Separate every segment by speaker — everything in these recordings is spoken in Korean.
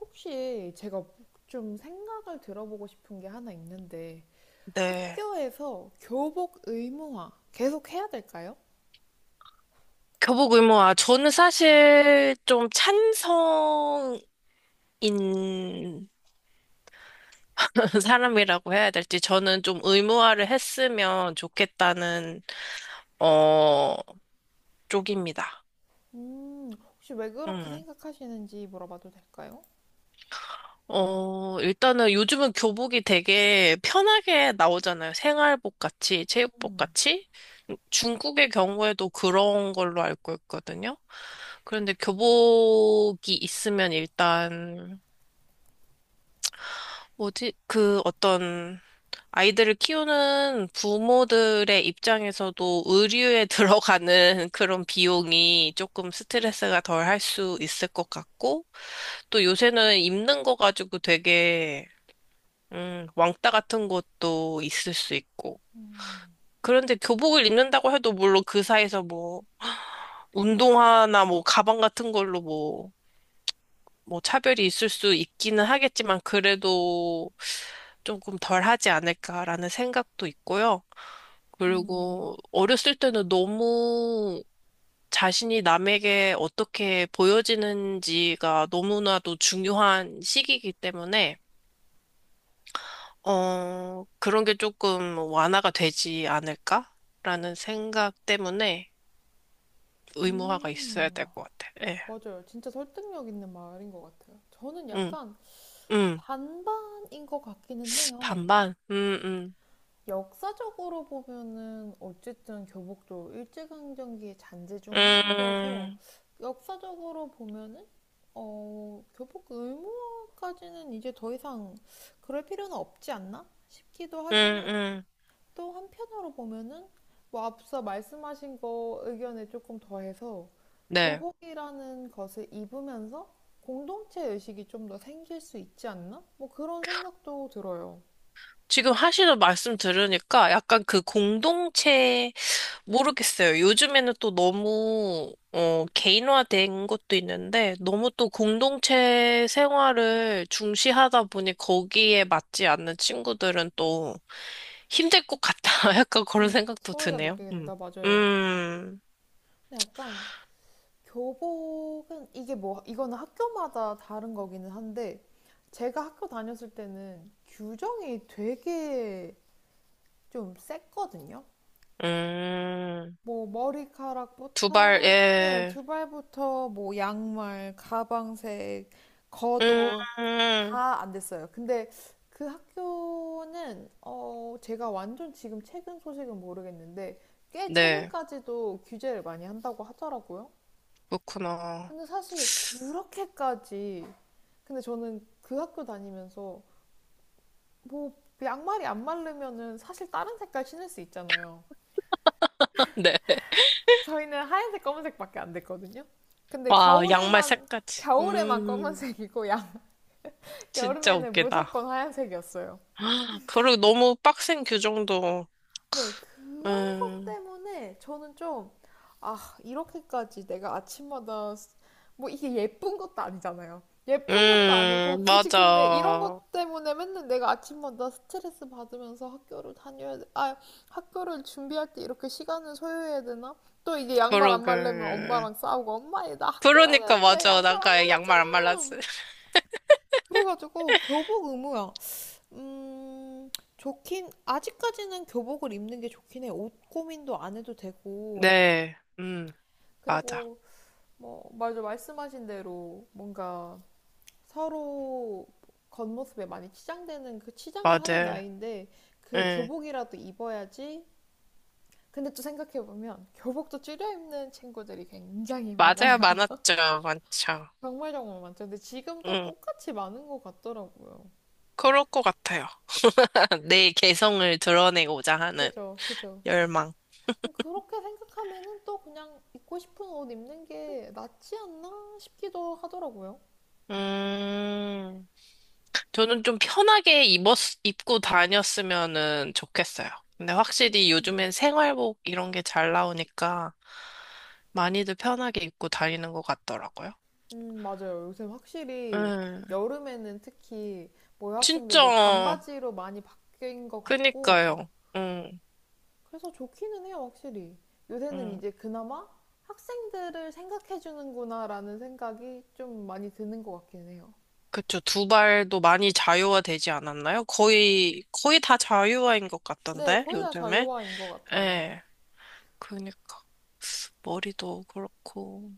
Speaker 1: 혹시 제가 좀 생각을 들어보고 싶은 게 하나 있는데,
Speaker 2: 네.
Speaker 1: 학교에서 교복 의무화 계속 해야 될까요?
Speaker 2: 교복 의무화. 저는 사실 좀 찬성인 사람이라고 해야 될지, 저는 좀 의무화를 했으면 좋겠다는, 어, 쪽입니다.
Speaker 1: 혹시 왜 그렇게
Speaker 2: 음.
Speaker 1: 생각하시는지 물어봐도 될까요?
Speaker 2: 일단은 요즘은 교복이 되게 편하게 나오잖아요. 생활복 같이, 체육복 같이. 중국의 경우에도 그런 걸로 알고 있거든요. 그런데 교복이 있으면 일단, 뭐지? 그 어떤 아이들을 키우는 부모들의 입장에서도 의류에 들어가는 그런 비용이 조금 스트레스가 덜 할 수 있을 것 같고, 또 요새는 입는 거 가지고 되게, 왕따 같은 것도 있을 수 있고. 그런데 교복을 입는다고 해도 물론 그 사이에서 뭐, 운동화나 뭐, 가방 같은 걸로 뭐, 뭐 차별이 있을 수 있기는 하겠지만 그래도 조금 덜 하지 않을까라는 생각도 있고요.
Speaker 1: 음,
Speaker 2: 그리고 어렸을 때는 너무 자신이 남에게 어떻게 보여지는지가 너무나도 중요한 시기이기 때문에 그런 게 조금 완화가 되지 않을까라는 생각 때문에 의무화가 있어야
Speaker 1: 음,
Speaker 2: 될 것 같아. 예.
Speaker 1: 맞아요. 진짜 설득력 있는 말인 것 같아요. 저는
Speaker 2: 음,
Speaker 1: 약간
Speaker 2: 음.
Speaker 1: 반반인 것 같기는 해요.
Speaker 2: 반반.
Speaker 1: 역사적으로 보면은 어쨌든 교복도 일제강점기의 잔재 중 하나여서
Speaker 2: 음.
Speaker 1: 역사적으로 보면은 교복 의무화까지는 이제 더 이상 그럴 필요는 없지 않나 싶기도
Speaker 2: 음,
Speaker 1: 하지만
Speaker 2: 음.
Speaker 1: 또 한편으로 보면은 뭐 앞서 말씀하신 거 의견에 조금 더해서
Speaker 2: 네.
Speaker 1: 교복이라는 것을 입으면서 공동체 의식이 좀 더 생길 수 있지 않나? 뭐 그런 생각도 들어요.
Speaker 2: 지금 하시는 말씀 들으니까 약간 그 공동체, 모르겠어요. 요즘에는 또 너무, 개인화된 것도 있는데, 너무 또 공동체 생활을 중시하다 보니 거기에 맞지 않는 친구들은 또 힘들 것 같다. 약간 그런
Speaker 1: 음,
Speaker 2: 생각도
Speaker 1: 소외가
Speaker 2: 드네요.
Speaker 1: 느끼게
Speaker 2: 음.
Speaker 1: 된다, 맞아요.
Speaker 2: 음,
Speaker 1: 근데 약간 교복은 이게 뭐 이거는 학교마다 다른 거기는 한데 제가 학교 다녔을 때는 규정이 되게 좀 셌거든요.
Speaker 2: 음.
Speaker 1: 뭐
Speaker 2: 두 발,
Speaker 1: 머리카락부터 네,
Speaker 2: 예.
Speaker 1: 두발부터 뭐 양말, 가방색,
Speaker 2: 음,
Speaker 1: 겉옷 다 안 됐어요. 근데 그 학교는 어 제가 완전 지금 최근 소식은 모르겠는데 꽤
Speaker 2: 네.
Speaker 1: 최근까지도 규제를 많이 한다고 하더라고요.
Speaker 2: 그렇구나.
Speaker 1: 근데 사실 그렇게까지 근데 저는 그 학교 다니면서 뭐 양말이 안 마르면은 사실 다른 색깔 신을 수 있잖아요.
Speaker 2: 네.
Speaker 1: 저희는 하얀색, 검은색밖에 안 됐거든요. 근데
Speaker 2: 와, 양말
Speaker 1: 겨울에만
Speaker 2: 색까지.
Speaker 1: 겨울에만 검은색이고 양
Speaker 2: 진짜
Speaker 1: 여름에는
Speaker 2: 웃기다.
Speaker 1: 무조건 하얀색이었어요.
Speaker 2: 그리고 너무 빡센 규정도.
Speaker 1: 네, 그런 것
Speaker 2: 음,
Speaker 1: 때문에 저는 좀, 아, 이렇게까지 내가 아침마다, 뭐 이게 예쁜 것도 아니잖아요. 예쁜 것도 아니고, 굳이 근데 이런
Speaker 2: 맞아.
Speaker 1: 것 때문에 맨날 내가 아침마다 스트레스 받으면서 아, 학교를 준비할 때 이렇게 시간을 소요해야 되나? 또 이게 양말 안 말려면
Speaker 2: 그러게.
Speaker 1: 엄마랑 싸우고, 엄마, 얘 나 학교 가야
Speaker 2: 그러니까
Speaker 1: 되는데
Speaker 2: 맞아.
Speaker 1: 양말 안
Speaker 2: 나가 양말 안 말랐어.
Speaker 1: 말랐잖아. 그래가지고 교복 의무야. 음, 좋긴, 아직까지는 교복을 입는 게 좋긴 해. 옷 고민도 안 해도 되고.
Speaker 2: 네, 맞아.
Speaker 1: 그리고, 뭐, 맞아, 말씀하신 대로 뭔가 서로 겉모습에 많이 치장되는 그 치장을 하는
Speaker 2: 맞아.
Speaker 1: 나이인데 그
Speaker 2: 응.
Speaker 1: 교복이라도 입어야지. 근데 또 생각해보면 교복도 줄여 입는 친구들이 굉장히
Speaker 2: 맞아야
Speaker 1: 많아요.
Speaker 2: 많았죠. 많죠.
Speaker 1: 정말 정말 많죠. 근데 지금도
Speaker 2: 음,
Speaker 1: 똑같이 많은 것 같더라고요.
Speaker 2: 그럴 것 같아요. 내 개성을 드러내고자 하는
Speaker 1: 그죠, 그죠.
Speaker 2: 열망.
Speaker 1: 그렇게 생각하면은 또 그냥 입고 싶은 옷 입는 게 낫지 않나 싶기도 하더라고요.
Speaker 2: 음. 저는 좀 편하게 입었, 입고 다녔으면은 좋겠어요. 근데 확실히 요즘엔 생활복 이런 게 잘 나오니까 많이들 편하게 입고 다니는 것 같더라고요.
Speaker 1: 맞아요. 요새 확실히
Speaker 2: 음,
Speaker 1: 여름에는 특히 뭐
Speaker 2: 진짜,
Speaker 1: 여학생들도 반바지로 많이 바뀐 것 같고,
Speaker 2: 그니까요. 음,
Speaker 1: 그래서 좋기는 해요, 확실히. 요새는
Speaker 2: 음.
Speaker 1: 이제 그나마 학생들을 생각해주는구나라는 생각이 좀 많이 드는 것 같긴 해요.
Speaker 2: 그쵸. 두발도 많이 자유화 되지 않았나요? 거의, 거의 다 자유화인 것
Speaker 1: 네,
Speaker 2: 같던데,
Speaker 1: 거의 다
Speaker 2: 요즘에.
Speaker 1: 자유화인 것 같아요.
Speaker 2: 예, 그니까. 머리도 그렇고,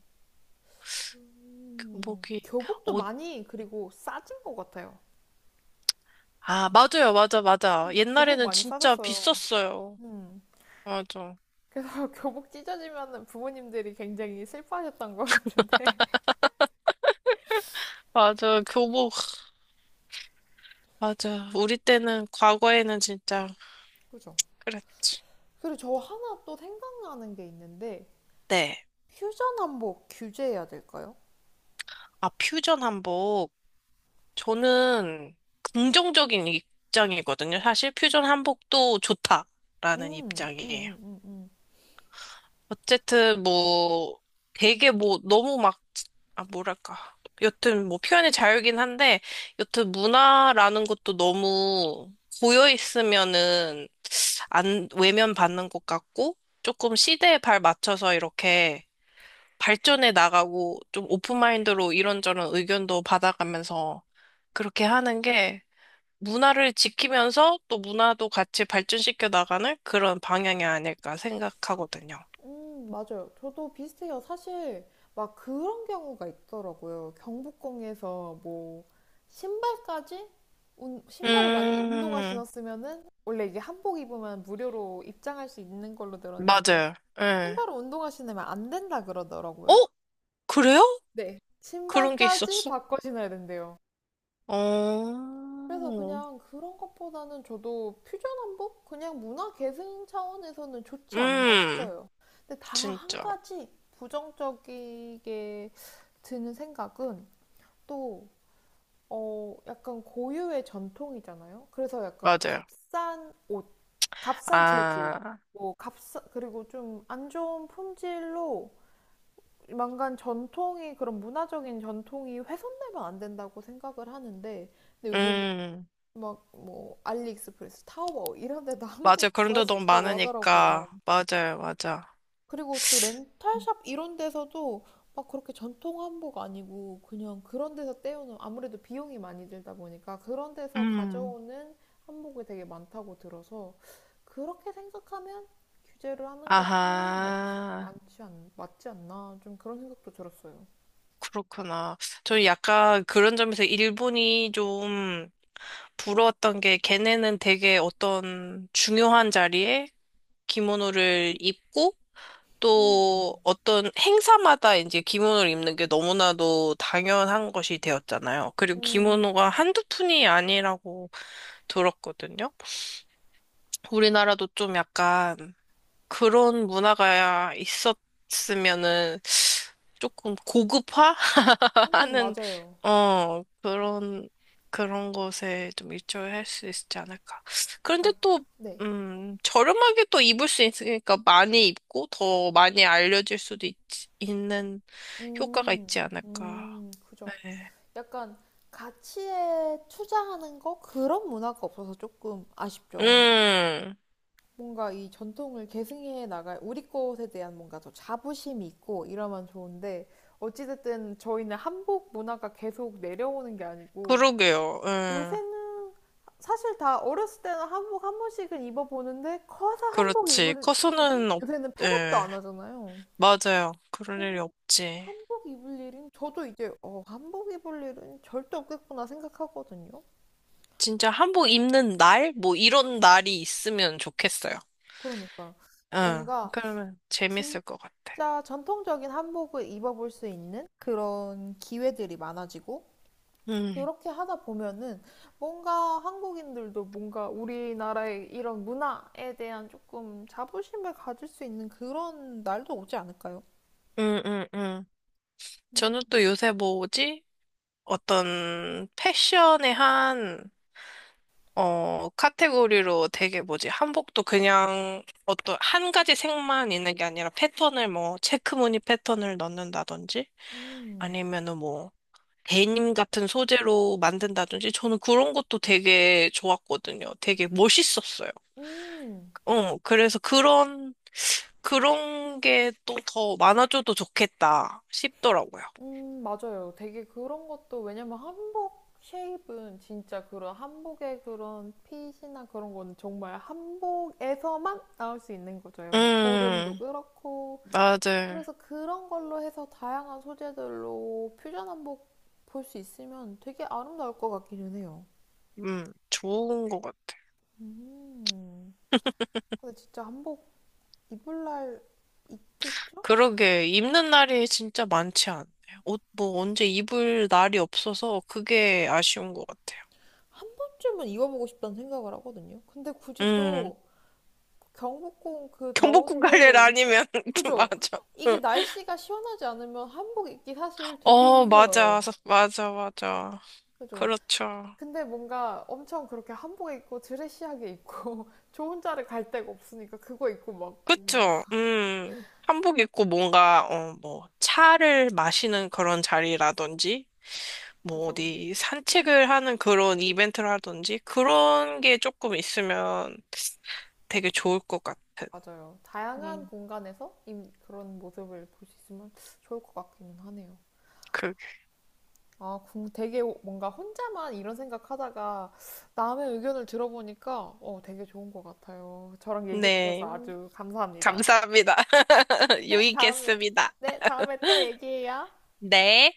Speaker 2: 그 목이,
Speaker 1: 교복도 많이, 그리고 싸진 것 같아요.
Speaker 2: 아, 맞아요. 맞아, 맞아.
Speaker 1: 그죠? 교복
Speaker 2: 옛날에는
Speaker 1: 많이
Speaker 2: 진짜
Speaker 1: 싸졌어요.
Speaker 2: 비쌌어요.
Speaker 1: 음.
Speaker 2: 맞아.
Speaker 1: 그래서 교복 찢어지면은 부모님들이 굉장히 슬퍼하셨던 것 같은데.
Speaker 2: 맞아. 교복. 맞아. 우리 때는, 과거에는 진짜
Speaker 1: 그죠.
Speaker 2: 그랬지.
Speaker 1: 그리고 저 하나 또 생각나는 게 있는데,
Speaker 2: 네.
Speaker 1: 퓨전 한복 규제해야 될까요?
Speaker 2: 아, 퓨전 한복. 저는 긍정적인 입장이거든요. 사실 퓨전 한복도 좋다라는
Speaker 1: 음, 음,
Speaker 2: 입장이에요.
Speaker 1: 음, 음, 음.
Speaker 2: 어쨌든 뭐 되게 뭐 너무 막, 아, 뭐랄까. 여튼 뭐 표현의 자유긴 한데, 여튼 문화라는 것도 너무 고여 있으면은 안, 외면 받는 것 같고, 조금 시대에 발 맞춰서 이렇게 발전해 나가고, 좀 오픈마인드로 이런저런 의견도 받아가면서 그렇게 하는 게 문화를 지키면서 또 문화도 같이 발전시켜 나가는 그런 방향이 아닐까 생각하거든요.
Speaker 1: 맞아요. 저도 비슷해요. 사실, 막 그런 경우가 있더라고요. 경복궁에서 뭐, 신발까지? 운- 신발을 만약에 운동화
Speaker 2: 음,
Speaker 1: 신었으면은, 원래 이게 한복 입으면 무료로 입장할 수 있는 걸로 들었는데,
Speaker 2: 맞아요. 예.
Speaker 1: 신발을 운동화 신으면 안 된다
Speaker 2: 어?
Speaker 1: 그러더라고요.
Speaker 2: 그래요?
Speaker 1: 네.
Speaker 2: 그런 게
Speaker 1: 신발까지
Speaker 2: 있었어?
Speaker 1: 바꿔 신어야 된대요. 그래서
Speaker 2: 어,
Speaker 1: 그냥 그런 것보다는 저도 퓨전 한복? 그냥 문화 계승 차원에서는 좋지 않나
Speaker 2: 음,
Speaker 1: 싶어요. 근데 다 한
Speaker 2: 진짜.
Speaker 1: 가지 부정적이게 드는 생각은 또, 약간 고유의 전통이잖아요. 그래서 약간
Speaker 2: 맞아요.
Speaker 1: 값싼 옷, 값싼 재질,
Speaker 2: 아,
Speaker 1: 뭐, 값싸, 그리고 좀 안 좋은 품질로 만간 전통이 그런 문화적인 전통이 훼손되면 안 된다고 생각을 하는데 근데 요새는
Speaker 2: 음.
Speaker 1: 막 뭐 알리익스프레스, 타오바오 이런 데도
Speaker 2: 맞아요.
Speaker 1: 한복 구할
Speaker 2: 거름도
Speaker 1: 수
Speaker 2: 너무
Speaker 1: 있다고 하더라고요.
Speaker 2: 많으니까. 맞아요, 맞아.
Speaker 1: 그리고 또 렌탈샵 이런 데서도 막 그렇게 전통 한복 아니고 그냥 그런 데서 떼오는 아무래도 비용이 많이 들다 보니까 그런 데서
Speaker 2: 음.
Speaker 1: 가져오는 한복이 되게 많다고 들어서 그렇게 생각하면 규제를 하는 것도 맞지,
Speaker 2: 아하,
Speaker 1: 맞지 않, 맞지 않나 좀 그런 생각도 들었어요.
Speaker 2: 그렇구나. 저는 약간 그런 점에서 일본이 좀 부러웠던 게 걔네는 되게 어떤 중요한 자리에 기모노를 입고
Speaker 1: 음,
Speaker 2: 또 어떤 행사마다 이제 기모노를 입는 게 너무나도 당연한 것이 되었잖아요.
Speaker 1: 음,
Speaker 2: 그리고
Speaker 1: 음,
Speaker 2: 기모노가
Speaker 1: 음.
Speaker 2: 한두 푼이 아니라고 들었거든요. 우리나라도 좀 약간 그런 문화가 있었으면은 조금 고급화하는
Speaker 1: 맞아요.
Speaker 2: 어 그런 그런 것에 좀 일조할 수 있지 않을까. 그런데
Speaker 1: 약간,
Speaker 2: 또
Speaker 1: 네.
Speaker 2: 저렴하게 또 입을 수 있으니까 많이 입고 더 많이 알려질 수도 있, 있는 효과가
Speaker 1: 음,
Speaker 2: 있지 않을까.
Speaker 1: 그죠.
Speaker 2: 네.
Speaker 1: 약간 가치에 투자하는 거? 그런 문화가 없어서 조금 아쉽죠.
Speaker 2: 음,
Speaker 1: 뭔가 이 전통을 계승해 나갈 우리 것에 대한 뭔가 더 자부심이 있고 이러면 좋은데, 어찌됐든 저희는 한복 문화가 계속 내려오는 게 아니고,
Speaker 2: 그러게요.
Speaker 1: 요새는 사실 다 어렸을 때는 한복 한 번씩은 입어보는데 커서 한복
Speaker 2: 그렇지.
Speaker 1: 입을 일은
Speaker 2: 커서는 없,
Speaker 1: 요새는 패백도
Speaker 2: 예,
Speaker 1: 안 하잖아요.
Speaker 2: 맞아요. 그럴 일이
Speaker 1: 그래서
Speaker 2: 없지.
Speaker 1: 한복 입을 일은 저도 이제 어, 한복 입을 일은 절대 없겠구나 생각하거든요.
Speaker 2: 진짜 한복 입는 날? 뭐 이런 날이 있으면 좋겠어요.
Speaker 1: 그러니까
Speaker 2: 응.
Speaker 1: 뭔가
Speaker 2: 그러면 재밌을 것 같아.
Speaker 1: 진짜 전통적인 한복을 입어볼 수 있는 그런 기회들이 많아지고
Speaker 2: 음,
Speaker 1: 그렇게 하다 보면은 뭔가 한국인들도 뭔가 우리나라의 이런 문화에 대한 조금 자부심을 가질 수 있는 그런 날도 오지 않을까요?
Speaker 2: 음, 음, 음.
Speaker 1: 음,
Speaker 2: 저는 또 요새 뭐지? 어떤 패션의 한, 카테고리로 되게 뭐지? 한복도 그냥 어떤 한 가지 색만 있는 게 아니라 패턴을 뭐, 체크무늬 패턴을 넣는다든지
Speaker 1: 음,
Speaker 2: 아니면은 뭐, 데님 같은 소재로 만든다든지 저는 그런 것도 되게 좋았거든요. 되게 멋있었어요.
Speaker 1: 음,
Speaker 2: 그래서 그런, 그런 게 또 더 많아져도 좋겠다 싶더라고요.
Speaker 1: 맞아요. 되게 그런 것도 왜냐면 한복 쉐입은 진짜 그런 한복의 그런 핏이나 그런 거는 정말 한복에서만 나올 수 있는 거죠. 뭐 고름도
Speaker 2: 음,
Speaker 1: 그렇고
Speaker 2: 맞아요.
Speaker 1: 그래서 그런 걸로 해서 다양한 소재들로 퓨전 한복 볼 수 있으면 되게 아름다울 것 같기는 해요.
Speaker 2: 좋은 것 같아.
Speaker 1: 음. 근데 진짜 한복 입을 날 있겠죠?
Speaker 2: 그러게, 입는 날이 진짜 많지 않네. 옷, 뭐, 언제 입을 날이 없어서 그게 아쉬운 것 같아요.
Speaker 1: 한 번쯤은 입어보고 싶다는 생각을 하거든요. 근데 굳이
Speaker 2: 음,
Speaker 1: 또 경복궁 그
Speaker 2: 경복궁 갈래
Speaker 1: 더운데,
Speaker 2: 아니면,
Speaker 1: 그죠?
Speaker 2: 맞아.
Speaker 1: 이게
Speaker 2: 응.
Speaker 1: 날씨가 시원하지 않으면 한복 입기 사실 되게
Speaker 2: 어, 맞아.
Speaker 1: 힘들어요.
Speaker 2: 맞아, 맞아.
Speaker 1: 그죠?
Speaker 2: 그렇죠.
Speaker 1: 근데 뭔가 엄청 그렇게 한복 입고 드레시하게 입고 저 혼자를 갈 데가 없으니까 그거 입고 막, 막
Speaker 2: 그쵸? 한복 입고 뭔가, 어, 뭐, 차를 마시는 그런 자리라든지, 뭐,
Speaker 1: 그죠.
Speaker 2: 어디 산책을 하는 그런 이벤트라든지 그런 게 조금 있으면 되게 좋을 것 같은.
Speaker 1: 맞아요. 다양한
Speaker 2: 음,
Speaker 1: 공간에서 이- 그런 모습을 볼 수 있으면 좋을 것 같기는 하네요.
Speaker 2: 그,
Speaker 1: 되게 뭔가 혼자만 이런 생각하다가 남의 의견을 들어보니까 어, 되게 좋은 것 같아요. 저랑 얘기해
Speaker 2: 네.
Speaker 1: 주셔서 아주 감사합니다.
Speaker 2: 감사합니다.
Speaker 1: 네, 다음에,
Speaker 2: 유익했습니다.
Speaker 1: 네, 다음에 또 얘기해요.
Speaker 2: 네.